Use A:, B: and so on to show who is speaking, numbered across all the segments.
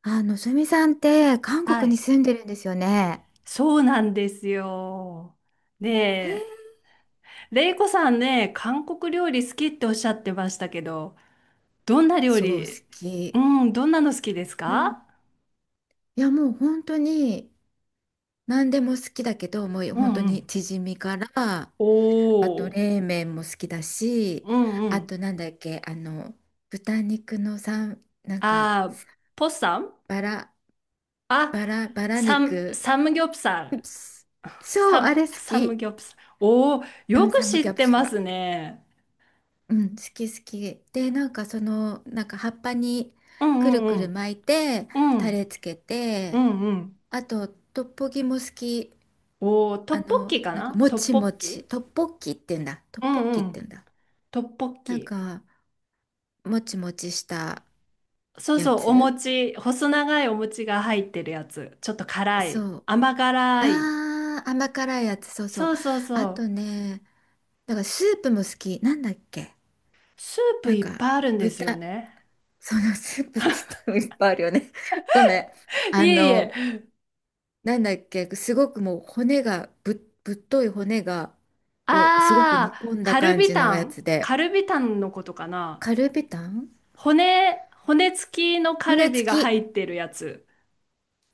A: あ、のぞみさんって韓
B: は
A: 国に
B: い。
A: 住んでるんですよね。
B: そうなんですよ。
A: へ
B: で、
A: え。
B: レイコさんね、韓国料理好きっておっしゃってましたけど、どんな料
A: そう、好
B: 理、う
A: き。
B: ん、どんなの好きです
A: う
B: か？
A: ん。いや、もう本当に何でも好きだけど、もう
B: う
A: 本当
B: んう
A: に
B: ん。
A: チヂミから、
B: お
A: あと
B: お。
A: 冷麺も好きだし、
B: うんう
A: あ
B: ん。
A: となんだっけ、豚肉のさん、
B: あー、ポッサン。
A: バラ、
B: あ、
A: バラ
B: サム、
A: 肉。
B: サムギョプサ
A: う
B: ル。
A: ん。そう、
B: サ
A: あ
B: ム、
A: れ好
B: サム
A: き。
B: ギョプサル。おお、
A: う
B: よ
A: ん、
B: く
A: サム
B: 知っ
A: ギョプ
B: て
A: サ
B: ま
A: ル。
B: すね。
A: うん、好き好き。で、なんかその、なんか葉っぱに
B: う
A: くる
B: んう
A: くる
B: ん
A: 巻いて、
B: うん。う
A: タ
B: ん
A: レつけ
B: う
A: て、
B: んうん。
A: あと、トッポギも好き。
B: おお、トッポッキか
A: なんか
B: な、
A: も
B: トッ
A: ち
B: ポ
A: も
B: ッ
A: ち、
B: キ？
A: トッポッキって言うんだ。トッ
B: う
A: ポッ
B: んう
A: キって言う
B: ん。
A: んだ。
B: トッポッ
A: なん
B: キ。
A: か、もちもちした
B: そう
A: や
B: そう、お
A: つ。
B: 餅、細長いお餅が入ってるやつ。ちょっと辛い。
A: そう。
B: 甘辛い。
A: あー、甘辛いやつ、そうそう。
B: そうそうそ
A: あ
B: う。
A: とね、だからスープも好き。なんだっけ。
B: スープ
A: なん
B: いっ
A: か、
B: ぱいあるんです
A: 豚、
B: よね。
A: そのスープって言ったらいっぱいあるよね。ごめん。
B: い
A: あ
B: えい
A: の、
B: え。
A: なんだっけ、すごくもう骨がぶ、ぶっとい骨がをすごく
B: あ
A: 煮込
B: ー、
A: んだ
B: カル
A: 感
B: ビ
A: じ
B: タ
A: のや
B: ン。
A: つ
B: カ
A: で、
B: ルビタンのことかな？
A: カルビタン。
B: 骨付きのカル
A: 骨付
B: ビが入
A: き。
B: ってるやつ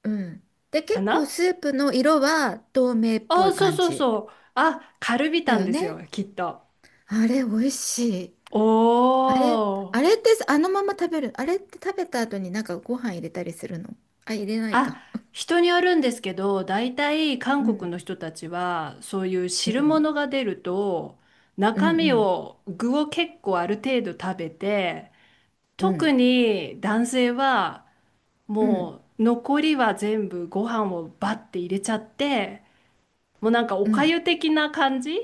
A: うん。で、
B: か
A: 結構
B: な？
A: スープの色は透明っ
B: あ
A: ぽ
B: ー、
A: い
B: そう
A: 感
B: そう
A: じ
B: そう。あ、カルビ
A: だ
B: タン
A: よ
B: です
A: ね。
B: よ、きっと。
A: あれ、美味しい。あれ、
B: お
A: あ
B: ー。
A: れってあのまま食べる？あれって食べた後になんかご飯入れたりするの？あ、入れないか。
B: あ、人によるんですけど、大体韓
A: う
B: 国
A: ん。
B: の人たちは、そういう
A: う
B: 汁
A: ん。
B: 物が出ると、
A: うん
B: 中
A: う
B: 身
A: ん。
B: を、具を結構ある程度食べて、
A: う
B: 特
A: ん。
B: に男性は、
A: うん。
B: もう残りは全部ご飯をバッて入れちゃって、もうなんかお
A: う
B: か
A: ん。
B: ゆ的な感じ、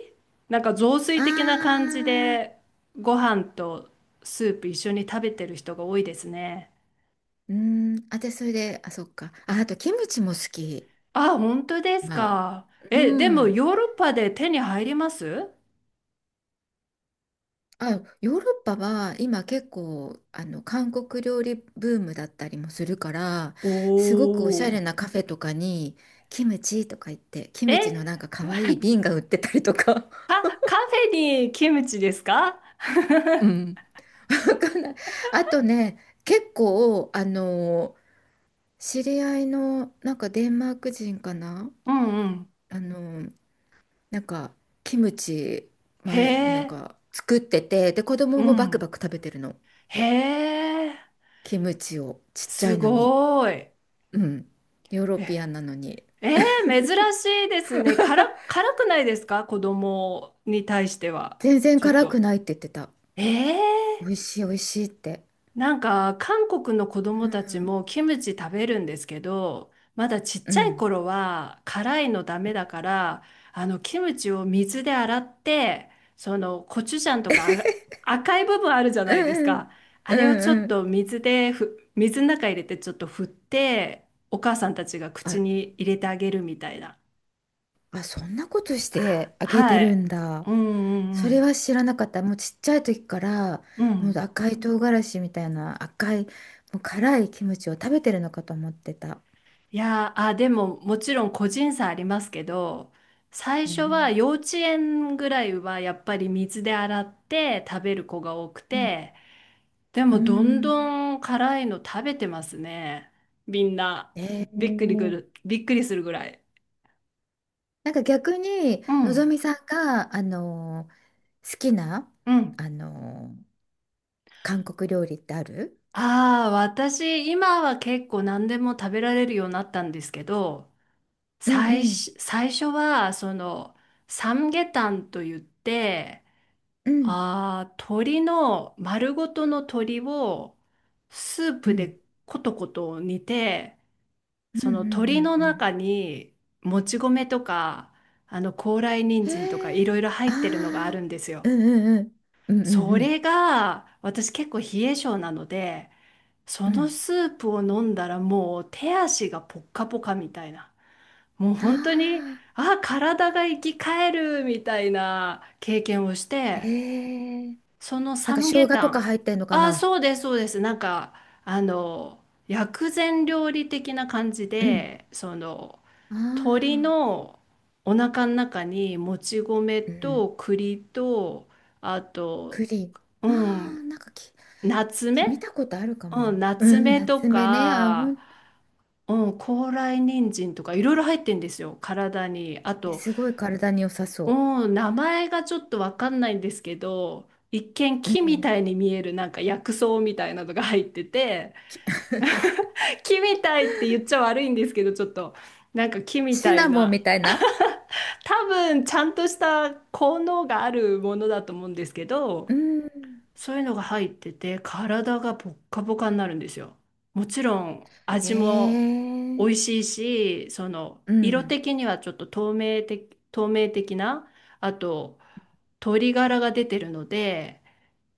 B: なんか雑
A: あ
B: 炊的な感じ
A: ー。
B: で、ご飯とスープ一緒に食べてる人が多いですね。
A: うーん、あ、で、それで、あ、そっか。あ、あと、キムチも好き。
B: あ、本当です
A: まあ、
B: か。
A: う
B: え、でも
A: ん。
B: ヨーロッパで手に入ります？
A: あ、ヨーロッパは今結構、韓国料理ブームだったりもするから、すごくおしゃ
B: お
A: れ
B: ー。
A: なカフェとかに、キムチとか言って、キ
B: え、
A: ムチのなんか可愛い瓶が売ってたりとか。
B: カフェにキムチですか？
A: うん。わかんない。あとね、結構、知り合いの、なんかデンマーク人かな。
B: うんうん。
A: あの、なんかキムチ
B: へ
A: 前なん
B: え。
A: か作っててで子供
B: う
A: もバク
B: ん。
A: バク食べてるの。
B: へえ。
A: キムチをちっちゃ
B: す
A: いのに。
B: ごい。
A: うん。ヨーロ
B: え、
A: ピアンなのに。
B: え珍しいですね。辛くないですか、子供に対しては？
A: 全然
B: ちょっ
A: 辛く
B: と。
A: ないって言ってた。
B: え
A: 美味
B: え。
A: しい美味しいって。
B: なんか韓国の子供
A: う
B: たち
A: ん
B: もキムチ食べるんですけど、まだちっ
A: う
B: ちゃい
A: ん
B: 頃は辛いのダメだから、あのキムチを水で洗って、そのコチュジャンとか、あ、赤い部分あるじゃ
A: う
B: ないです
A: ん
B: か。あ
A: う
B: れをちょ
A: ん
B: っ
A: うん。
B: と水でふ、水の中入れてちょっと振って、お母さんたちが口
A: あ
B: に入れてあげるみたいな。
A: あ、そんなことしてあげて
B: は
A: る
B: い。
A: んだ。
B: うんう
A: それ
B: ん
A: は知らなかった。もうちっちゃい時から
B: うん。う
A: もう
B: ん。
A: 赤い唐辛子みたいな赤いもう辛いキムチを食べてるのかと思ってた。
B: いやー、あ、でももちろん個人差ありますけど、最
A: う
B: 初は
A: ん
B: 幼稚園ぐらいはやっぱり水で洗って食べる子が多く
A: うん。
B: て、で
A: うー
B: もどん
A: ん。
B: どん辛いの食べてますね。みんな。
A: えー、
B: びっくりするぐらい。
A: なんか逆に
B: う
A: のぞ
B: ん。
A: みさんが、好きな、
B: うん。
A: あのー韓国料理ってある？
B: ああ、私、今は結構何でも食べられるようになったんですけど、
A: うんう
B: 最
A: ん
B: 初、最初は、その、サムゲタンと言って、
A: うん
B: ああ、鶏の丸ごとの鶏をスー
A: う
B: プで
A: ん
B: コトコト煮て、
A: う
B: そ
A: んうん
B: の鶏の
A: うんう
B: 中にもち米とか、あの高麗人
A: ん。
B: 参とか
A: へ
B: い
A: え。
B: ろいろ入ってるのがある
A: あ
B: んですよ。
A: あー。うんうんうんうん
B: そ
A: うん
B: れが私結構冷え性なので、そ
A: うん。う
B: の
A: ん。
B: スープを飲んだらもう手足がポッカポカみたいな。もう
A: あ
B: 本当に、あ、体が生き返るみたいな経験をし
A: あー。え
B: て、
A: ー、
B: その
A: なん
B: サ
A: か
B: ムゲ
A: 生姜
B: タ
A: とか
B: ン。
A: 入ってんのか
B: ああ、
A: な。
B: そうです、そうです。なんか、あの、薬膳料理的な感じ
A: うん。
B: で、その、鶏
A: ああ
B: のお腹の中にもち米
A: ー。うん。
B: と栗と、あと、
A: 栗。
B: う
A: あ
B: ん、
A: あー、なんか
B: ナツメ、
A: 見たことあるかも
B: うん、
A: な。
B: ナ
A: う
B: ツ
A: ん、
B: メと
A: 夏目ね。あ、
B: か、
A: 本。
B: うん、高麗人参とかいろいろ入ってんですよ、体に。あ
A: え、
B: と、
A: すごい体に良さそ
B: うん、名前がちょっとわかんないんですけど、一見
A: う。う
B: 木みた
A: ん。
B: いに見えるなんか薬草みたいなのが入ってて、
A: き。
B: 木みたいって言っちゃ悪いんですけど、ちょっとなんか木み
A: シ
B: たい
A: ナモン
B: な、
A: みたいな。
B: 多分ちゃんとした効能があるものだと思うんですけ
A: う
B: ど、
A: ん。
B: そういうのが入ってて、体がポッカポカになるんですよ。もちろん
A: へ
B: 味も美
A: え。
B: 味しいし、その
A: う
B: 色
A: ん。
B: 的にはちょっと透明的な、あと鶏ガラが出てるので、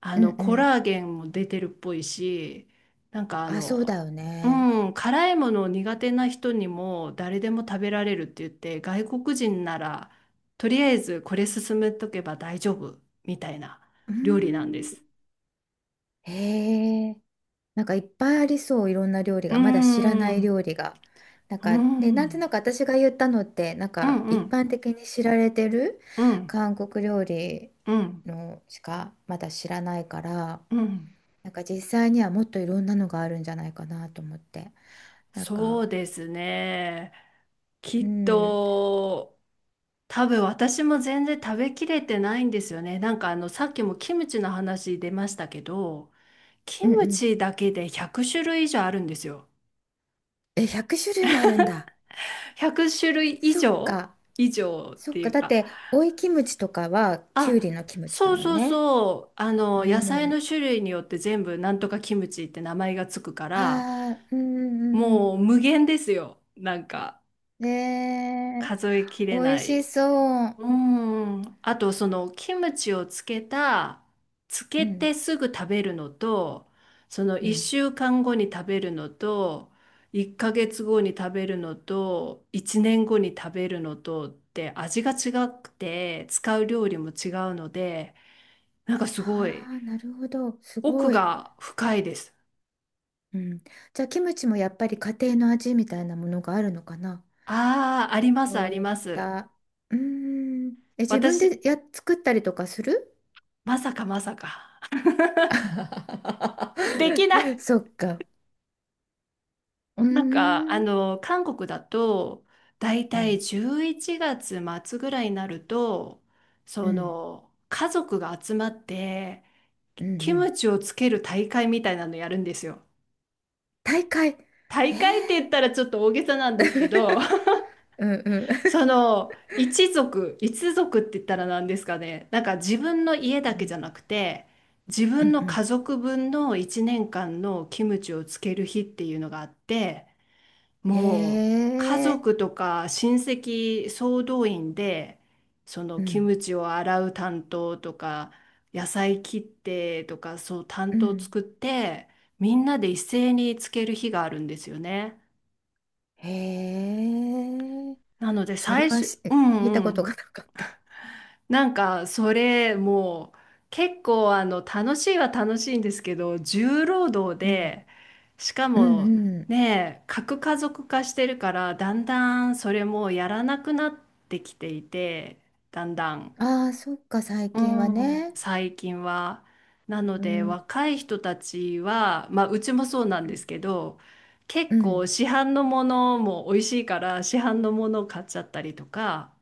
B: あ
A: うん
B: の
A: う
B: コ
A: ん。
B: ラーゲンも出てるっぽいし、なんか
A: あ、そうだよ
B: う
A: ね。
B: ん、辛いものを苦手な人にも誰でも食べられるって言って、外国人ならとりあえずこれ進めとけば大丈夫みたいな
A: う
B: 料理なんで
A: ん。
B: す。
A: へえ。なんかいっぱいありそう、いろんな料理
B: うー
A: が。まだ知らない料
B: ん。
A: 理が。なん
B: うん。
A: か
B: う
A: ね、なんと
B: ん。
A: なく私が言ったのって、なん
B: う
A: か一
B: ん。
A: 般的に知られてる
B: うん。
A: 韓国料理
B: うん。
A: のしかまだ知らないから、
B: うん。
A: なんか実際にはもっといろんなのがあるんじゃないかなと思って。なん
B: そ
A: か。
B: うですね。き
A: う
B: っ
A: ん、うん。
B: と、多分私も全然食べきれてないんですよね。なんかさっきもキムチの話出ましたけど、キ
A: う
B: ム
A: ん
B: チだけで100種類以上あるんですよ。
A: え、100種類もあるんだ。
B: 100種類以
A: そっ
B: 上。
A: か、
B: 以上っ
A: そっ
B: てい
A: か。
B: う
A: だっ
B: か。
A: て、オイキムチとかはキュウリ
B: あ、
A: のキムチだ
B: そう
A: もん
B: そう
A: ね。
B: そう。
A: う
B: 野菜
A: ん。
B: の種類によって全部なんとかキムチって名前がつくか
A: あ
B: ら、
A: あ、うんうんうんうん。
B: もう無限ですよ。なんか
A: ねえ。
B: 数えき
A: 美
B: れ
A: 味
B: な
A: し
B: い。
A: そう。
B: うん。あとそのキムチをつ
A: う
B: け
A: ん、
B: てすぐ食べるのと、その
A: う
B: 1
A: ん。
B: 週間後に食べるのと、1ヶ月後に食べるのと、1年後に食べるのとって味が違くて、使う料理も違うので、なんかすごい
A: ああ、なるほど。す
B: 奥
A: ごい。
B: が深いです。
A: うん。じゃあ、キムチもやっぱり家庭の味みたいなものがあるのかな？
B: ああ、あります
A: そ
B: あ
A: う
B: り
A: いっ
B: ます。
A: た。うーん。え、自分
B: 私、
A: で作ったりとかする？
B: まさかまさか。できな い。
A: そっか。うー
B: なんか、
A: ん。
B: 韓国だと、だい
A: う
B: た
A: ん。
B: い11月末ぐらいになると、
A: う
B: そ
A: ん。
B: の、家族が集まって、
A: うん
B: キ
A: う
B: ム
A: ん。
B: チをつける大会みたいなのやるんですよ。
A: 大会。
B: 大会って言っ
A: え
B: たらちょっと大げさなんですけど、
A: ー、うんうん。
B: その、一族って言ったら何ですかね。なんか自分の家だけじゃなくて、自
A: うん
B: 分
A: う
B: の
A: んう
B: 家
A: ん。
B: 族分の1年間のキムチをつける日っていうのがあって、
A: へ
B: もう家
A: え。
B: 族とか親戚総動員でその
A: う
B: キ
A: ん
B: ムチを洗う担当とか、野菜切ってとか、そう担
A: う
B: 当
A: ん。
B: 作って、みんなで一斉につける日があるんですよね。
A: へえ。
B: なので
A: それ
B: 最
A: は
B: 初、うん
A: 聞い
B: う
A: たこと
B: ん、
A: がなかった。
B: なんかそれもう結構楽しいは楽しいんですけど、重労働
A: うん。
B: で、しか
A: う
B: も
A: んう
B: ね、核家族化してるから、だんだんそれもやらなくなってきていて、だんだん。
A: ん。ああ、そっか、最
B: う
A: 近は
B: ん。
A: ね。
B: 最近は。なの
A: う
B: で
A: ん。
B: 若い人たちは、まあ、うちもそうなん
A: う
B: です
A: ん。
B: けど、結
A: う
B: 構
A: ん。
B: 市販のものも美味しいから、市販のものを買っちゃったりとか。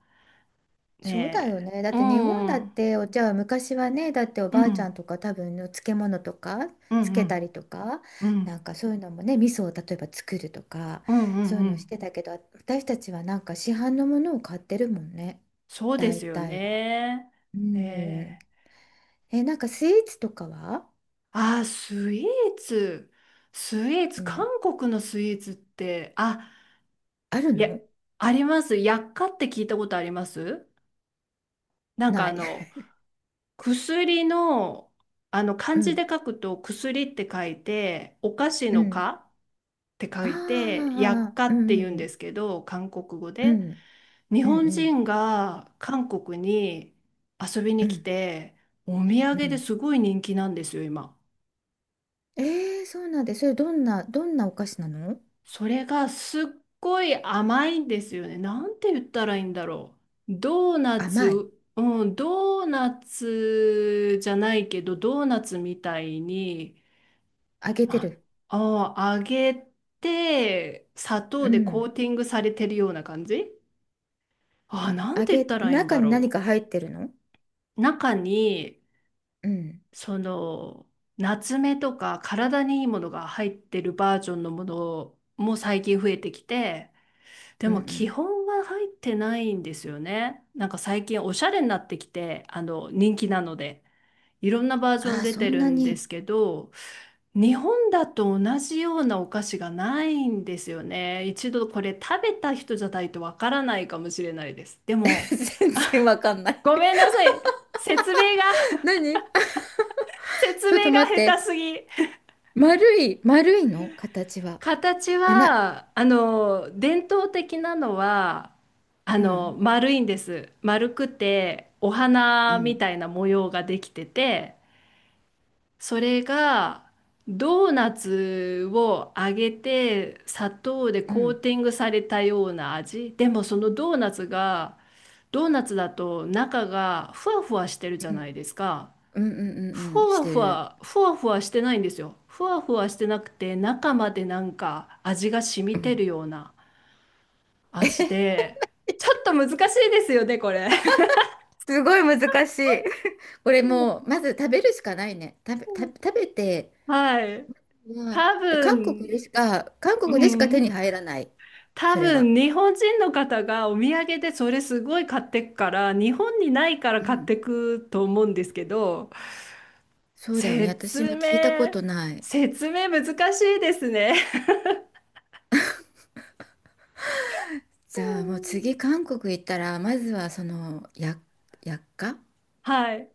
A: そうだよ
B: ね
A: ね。だっ
B: え。う
A: て日本だっ
B: ん
A: てお茶は昔はね、だってお
B: う
A: ばあちゃ
B: ん
A: んとか多分の漬物とか
B: う
A: つ
B: んう
A: けた
B: ん
A: りとか、
B: う
A: な
B: ん
A: んかそういうのもね、味噌を例えば作るとか、
B: うんう
A: そ
B: ん
A: ういう
B: う
A: のし
B: ん。
A: てたけど、私たちはなんか市販のものを買ってるもんね。
B: そうで
A: 大
B: すよ
A: 体は。
B: ね。
A: う
B: ね
A: ん。
B: え。
A: え、なんかスイーツとかは。
B: あー、スイーツ。スイーツ、
A: う
B: 韓
A: ん。
B: 国のスイーツって、あ、
A: ある
B: いや、
A: の？
B: あります。薬価って聞いたことあります？なんか、
A: ない。
B: 薬の、
A: う
B: 漢字
A: ん。
B: で書くと薬って書いて、お菓子
A: う
B: の
A: ん。
B: 菓って書
A: あ
B: いて、薬
A: あ、
B: 価
A: う
B: って言うん
A: んう
B: で
A: ん
B: すけど、韓国語
A: うん。
B: で。日
A: うんうん
B: 本
A: うん。
B: 人が韓国に遊び
A: う
B: に来
A: ん
B: て、お土
A: う
B: 産で
A: ん。
B: すごい人気なんですよ、今。
A: えー、そうなんで、それどんな、どんなお菓子なの？
B: それがすっごい甘いんですよね。なんて言ったらいいんだろう。ドーナ
A: 甘い。
B: ツ、うん、ドーナツじゃないけど、ドーナツみたいに、
A: 揚げて
B: あ、
A: る。
B: あ、揚げて、砂糖
A: う
B: でコー
A: ん。
B: ティングされてるような感じ。あ、なん
A: 揚
B: て言っ
A: げ、
B: たらいいん
A: 中
B: だ
A: に何
B: ろ
A: か入ってるの？
B: う。中に、
A: うん。
B: その、夏目とか体にいいものが入ってるバージョンのものも最近増えてきて、で
A: うんう
B: も基
A: ん。
B: 本は入ってないんですよね。なんか最近おしゃれになってきて、人気なので、いろんなバージョン
A: あー、
B: 出
A: そ
B: て
A: ん
B: る
A: な
B: んで
A: に。
B: すけど、日本だと同じようなお菓子がないんですよね。一度これ食べた人じゃないとわからないかもしれないです。で も、
A: 全然わかんない。
B: ごめんなさい。説明が、
A: 何あ。
B: 説
A: ちょっ
B: 明
A: と
B: が
A: 待っ
B: 下
A: て。
B: 手すぎ。
A: 丸い、丸いの形は。
B: 形
A: あな、
B: は、伝統的なのは、
A: うん、
B: 丸いんです。丸くて、お
A: う
B: 花み
A: ん、
B: たいな模様ができてて、それが、ドーナツを揚げて、砂糖で
A: う
B: コー
A: ん、
B: ティングされたような味。でも、そのドーナツが、ドーナツだと中がふわふわしてるじゃ
A: う
B: ない
A: ん、
B: ですか。
A: うん、うん、うん
B: ふ
A: うんし
B: わ
A: て
B: ふ
A: る。
B: わ、ふわふわしてないんですよ。ふわふわしてなくて、中までなんか味が染
A: う
B: みて
A: ん。
B: るような味で、ちょっと難しいですよね、これ。
A: すごい難しい。これもう、まず食べるしかないね。食べて、
B: はい。
A: まあ、
B: 多
A: で、韓国で
B: 分、
A: しか、韓
B: う
A: 国でしか手
B: ん。
A: に入らない。
B: 多
A: それは。
B: 分、日本人の方がお土産でそれすごい買ってくから、日本にないから
A: う
B: 買っ
A: ん。
B: てくと思うんですけど、
A: そうだよね。私も
B: 説
A: 聞いたこ
B: 明、
A: とない。
B: 説明難しいですね。
A: じゃあもう次 韓国行ったら、まずはその、薬価。
B: はい。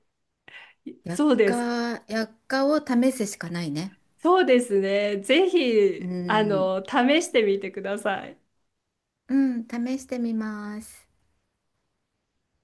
A: 薬
B: そうです。
A: 価、薬価を試すしかないね。
B: そうですね。ぜひ、
A: うん。
B: 試してみてください。
A: うん、試してみます。